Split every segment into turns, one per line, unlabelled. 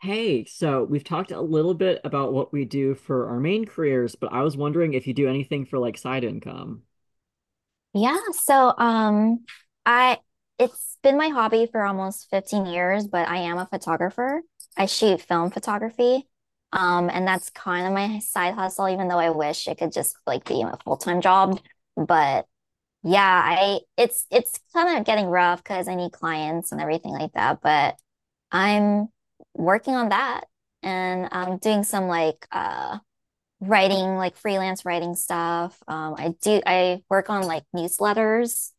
Hey, so we've talked a little bit about what we do for our main careers, but I was wondering if you do anything for like side income.
Yeah, so I it's been my hobby for almost 15 years, but I am a photographer. I shoot film photography. And that's kind of my side hustle even though I wish it could just like be a full-time job, but yeah, I it's kind of getting rough because I need clients and everything like that, but I'm working on that and I'm doing some like writing like freelance writing stuff. I work on like newsletters,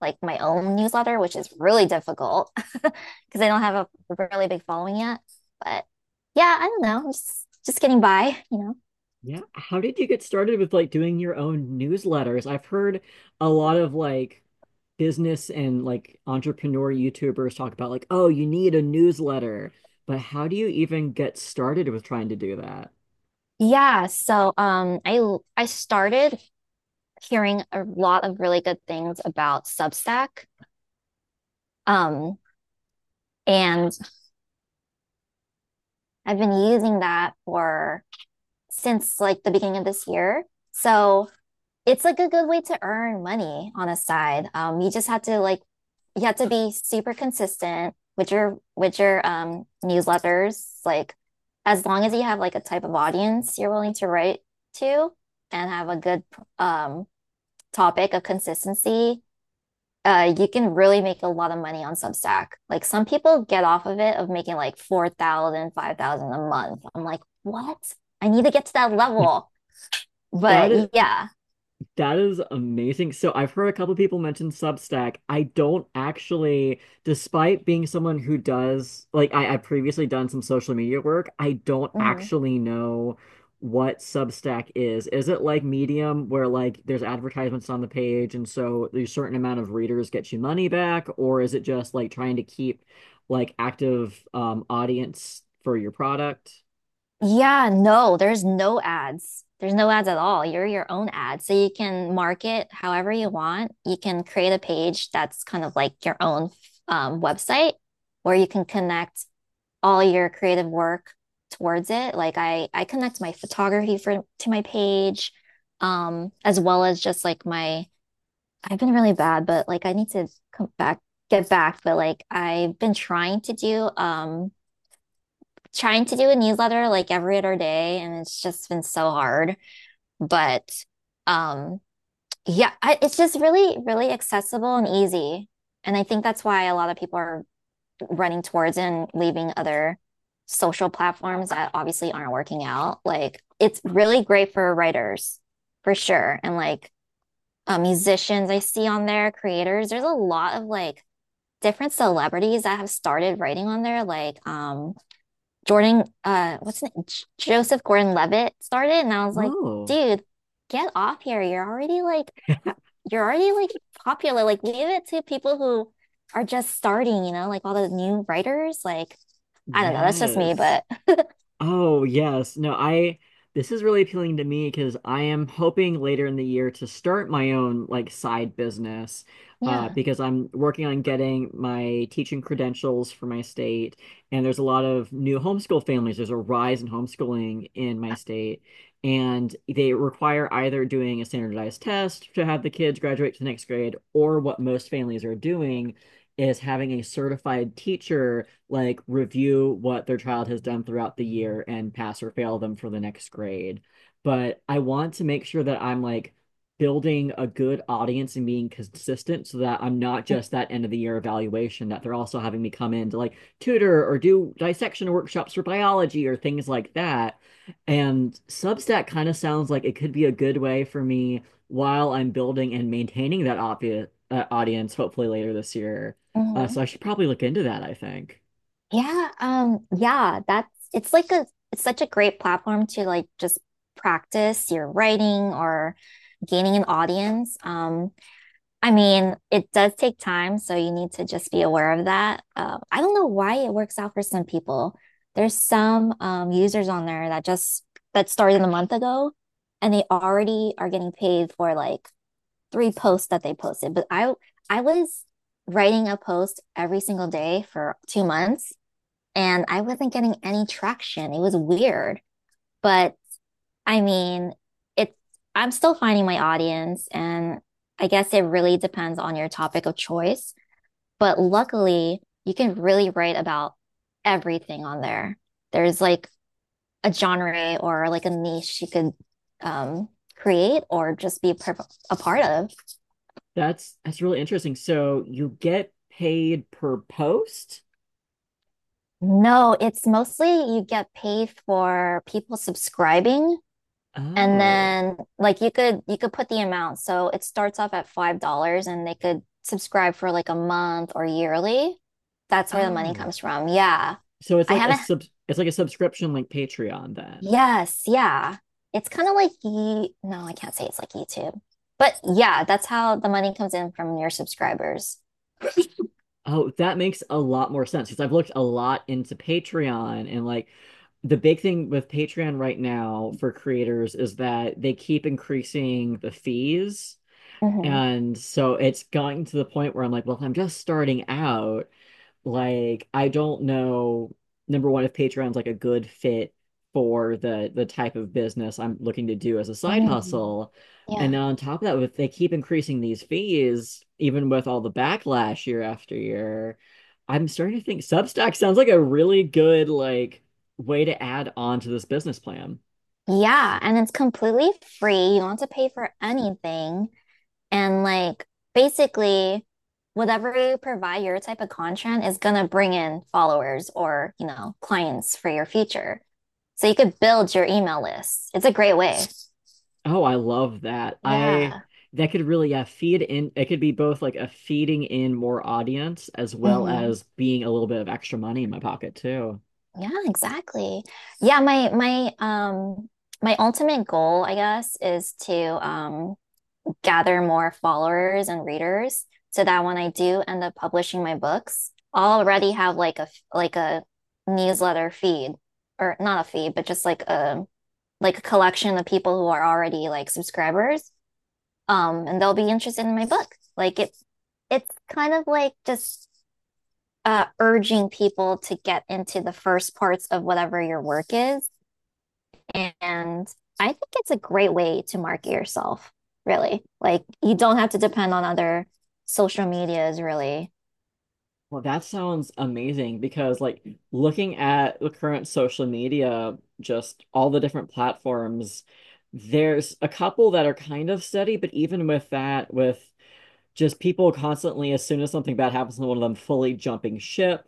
like my own newsletter, which is really difficult because I don't have a really big following yet. But yeah, I don't know, just getting by.
Yeah. How did you get started with like doing your own newsletters? I've heard a lot of like business and like entrepreneur YouTubers talk about like, oh, you need a newsletter. But how do you even get started with trying to do that?
Yeah, so I started hearing a lot of really good things about Substack. Um and I've been using that for since like the beginning of this year. So it's like a good way to earn money on a side. You just have to like you have to be super consistent with your newsletters. Like as long as you have like a type of audience you're willing to write to and have a good um topic of consistency, you can really make a lot of money on Substack. Like some people get off of it of making like 4,000, 5,000 a month. I'm like, "What? I need to get to that level."
That is.
But yeah.
That is amazing. So I've heard a couple people mention Substack. I don't actually, despite being someone who does, like I've previously done some social media work, I don't
Mhm.
actually know what Substack is. Is it like Medium where like there's advertisements on the page and so a certain amount of readers get you money back, or is it just like trying to keep like active audience for your product?
Yeah, no, there's no ads. There's no ads at all. You're your own ad. So you can market however you want. You can create a page that's kind of like your own website where you can connect all your creative work towards it. Like I connect my photography for to my page, as well as just like my I've been really bad, but like I need to come back, get back, but like I've been trying to do a newsletter like every other day, and it's just been so hard. But um, yeah, I, it's just really, really accessible and easy. And I think that's why a lot of people are running towards and leaving other social platforms that obviously aren't working out. Like it's really great for writers for sure. And like musicians I see on there, creators, there's a lot of like different celebrities that have started writing on there. Like Jordan, what's his name? Joseph Gordon-Levitt started, and I was like,
Oh,
dude, get off here. You're already like popular. Like, leave it to people who are just starting, you know, like all the new writers. Like, I don't know, that's just me,
yes.
but
Oh, yes. No, I this is really appealing to me because I am hoping later in the year to start my own like side business,
yeah.
because I'm working on getting my teaching credentials for my state, and there's a lot of new homeschool families. There's a rise in homeschooling in my state, and they require either doing a standardized test to have the kids graduate to the next grade, or what most families are doing is having a certified teacher like review what their child has done throughout the year and pass or fail them for the next grade. But I want to make sure that I'm like building a good audience and being consistent so that I'm not just that end of the year evaluation, that they're also having me come in to like tutor or do dissection workshops for biology or things like that. And Substack kind of sounds like it could be a good way for me while I'm building and maintaining that obvious, audience, hopefully later this year.
Hmm.
So I should probably look into that, I think.
Yeah, that's it's like a it's such a great platform to like just practice your writing or gaining an audience. I mean, it does take time, so you need to just be aware of that. I don't know why it works out for some people. There's some users on there that just that started a month ago, and they already are getting paid for like three posts that they posted. But I was writing a post every single day for 2 months, and I wasn't getting any traction. It was weird, but I mean, it's I'm still finding my audience, and I guess it really depends on your topic of choice. But luckily, you can really write about everything on there. There's like a genre or like a niche you could um, create or just a part of.
That's really interesting. So you get paid per post?
No, it's mostly you get paid for people subscribing. And
Oh.
then like you could put the amount. So it starts off at $5 and they could subscribe for like a month or yearly. That's where the money
Oh.
comes from. Yeah.
So it's
I
like a
haven't
subscription like Patreon then.
yes, yeah. It's kind of like Ye no, I can't say it's like YouTube. But yeah, that's how the money comes in from your subscribers.
Oh, that makes a lot more sense because I've looked a lot into Patreon, and like the big thing with Patreon right now for creators is that they keep increasing the fees.
Hmm.
And so it's gotten to the point where I'm like, well, if I'm just starting out, like, I don't know, number one, if Patreon's like a good fit for the type of business I'm looking to do as a side
Mm.
hustle. And then
Yeah.
on top of that, if they keep increasing these fees, even with all the backlash year after year, I'm starting to think Substack sounds like a really good like way to add on to this business plan.
Yeah, and it's completely free. You don't have to pay for anything. And like basically whatever you provide your type of content is gonna bring in followers or, you know, clients for your future. So you could build your email list. It's a great way.
Oh, I love that. I
Yeah.
that could really yeah feed in. It could be both like a feeding in more audience as well
Hmm.
as being a little bit of extra money in my pocket too.
Yeah, exactly. Yeah, my ultimate goal, I guess, is to um gather more followers and readers so that when I do end up publishing my books, I'll already have like a newsletter feed or not a feed, but just like a collection of people who are already like subscribers. And they'll be interested in my book. Like it it's kind of like just urging people to get into the first parts of whatever your work is and I think it's a great way to market yourself, really. Like you don't have to depend on other social medias, really.
Well, that sounds amazing because like looking at the current social media, just all the different platforms, there's a couple that are kind of steady, but even with that, with just people constantly, as soon as something bad happens to one of them, fully jumping ship,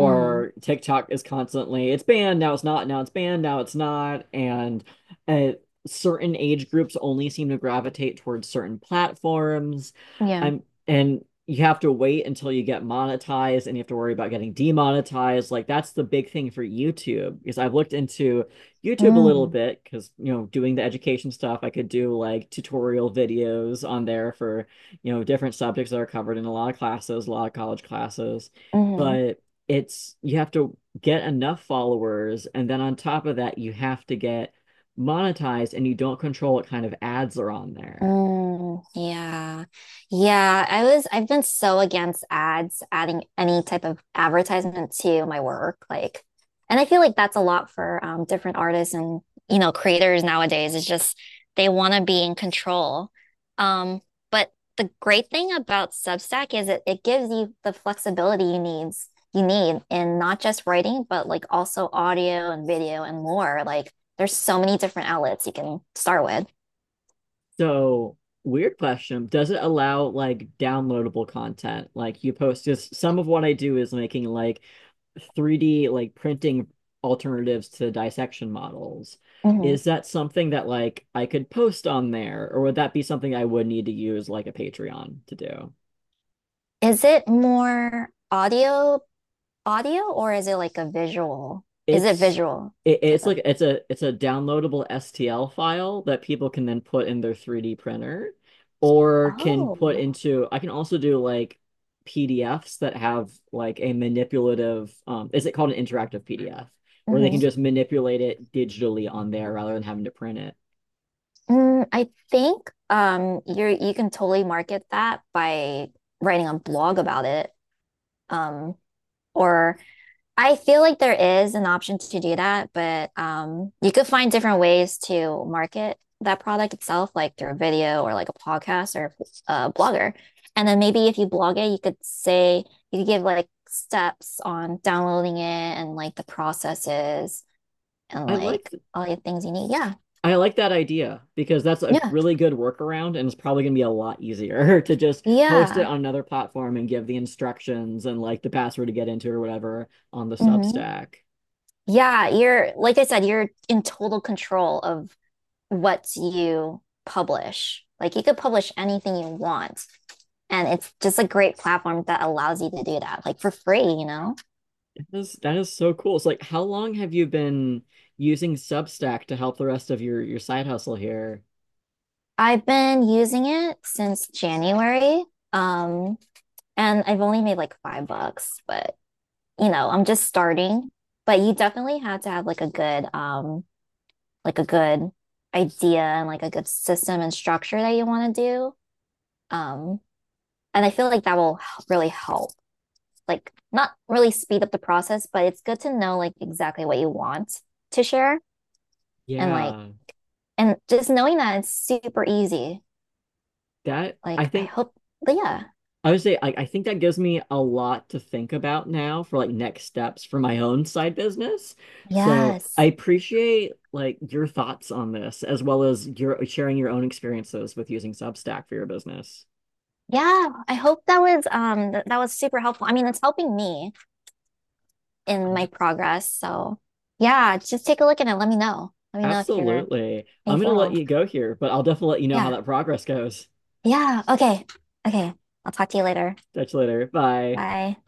Hmm.
TikTok is constantly, it's banned, now it's not, now it's banned, now it's not. And uh, certain age groups only seem to gravitate towards certain platforms.
Yeah.
I'm, and you have to wait until you get monetized and you have to worry about getting demonetized. Like that's the big thing for YouTube because I've looked into YouTube a little
Mm-hmm.
bit because, you know, doing the education stuff, I could do like tutorial videos on there for, you know, different subjects that are covered in a lot of classes, a lot of college classes,
Mm-hmm.
but it's you have to get enough followers, and then on top of that, you have to get monetized and you don't control what kind of ads are on there.
Mm, yeah. I've been so against ads, adding any type of advertisement to my work. Like, and I feel like that's a lot for different artists and, you know, creators nowadays. It's just they want to be in control. Um, but the great thing about Substack is it gives you the flexibility you need in not just writing, but like also audio and video and more. Like, there's so many different outlets you can start with.
So, weird question, does it allow like downloadable content? Like you post just some of what I do is making like 3D like printing alternatives to dissection models.
Mm-hmm.
Is that something that like I could post on there, or would that be something I would need to use like a Patreon to do?
Is it more audio or is it like a visual? Is it
It's
visual
it,
type
it's
of?
like it's a downloadable STL file that people can then put in their 3D printer or can
Oh.
put into I can also do like PDFs that have like a manipulative is it called an interactive PDF where they
Hmm.
can just manipulate it digitally on there rather than having to print it.
Mm, I think you're you can totally market that by writing a blog about it. Um or I feel like there is an option to do that, but you could find different ways to market that product itself, like through a video or like a podcast or a blogger. And then maybe if you blog it, you could say, you could give like steps on downloading it and like the processes and
I like
like
th-
all the things you need. Yeah.
I like that idea because that's a
Yeah.
really good workaround and it's probably going to be a lot easier to just host it
Yeah.
on another platform and give the instructions and like the password to get into or whatever on the
Hmm.
Substack.
Yeah. Like I said, you're in total control of what you publish. Like you could publish anything you want. And it's just a great platform that allows you to do that, like for free, you know?
That is so cool. It's like how long have you been using Substack to help the rest of your side hustle here?
I've been using it since January. Um, and I've only made like 5 bucks, but you know, I'm just starting. But you definitely have to have like a good idea and like a good system and structure that you want to do. Um, and I feel like that will really help like not really speed up the process, but it's good to know like exactly what you want to share and like
Yeah.
and just knowing that it's super easy.
That I
Like I
think
hope but yeah.
I would say I think that gives me a lot to think about now for like next steps for my own side business. So I
Yes.
appreciate like your thoughts on this as well as your sharing your own experiences with using Substack for your business.
Yeah, I hope that was that was super helpful. I mean, it's helping me in my
Um,
progress. So yeah, just take a look at it. Let me know. Let me know if you're
Absolutely.
how you
I'm gonna let
feel.
you go here, but I'll definitely let you know how
Yeah.
that progress goes.
Yeah. Okay. Okay. I'll talk to you later.
Catch you later. Bye.
Bye.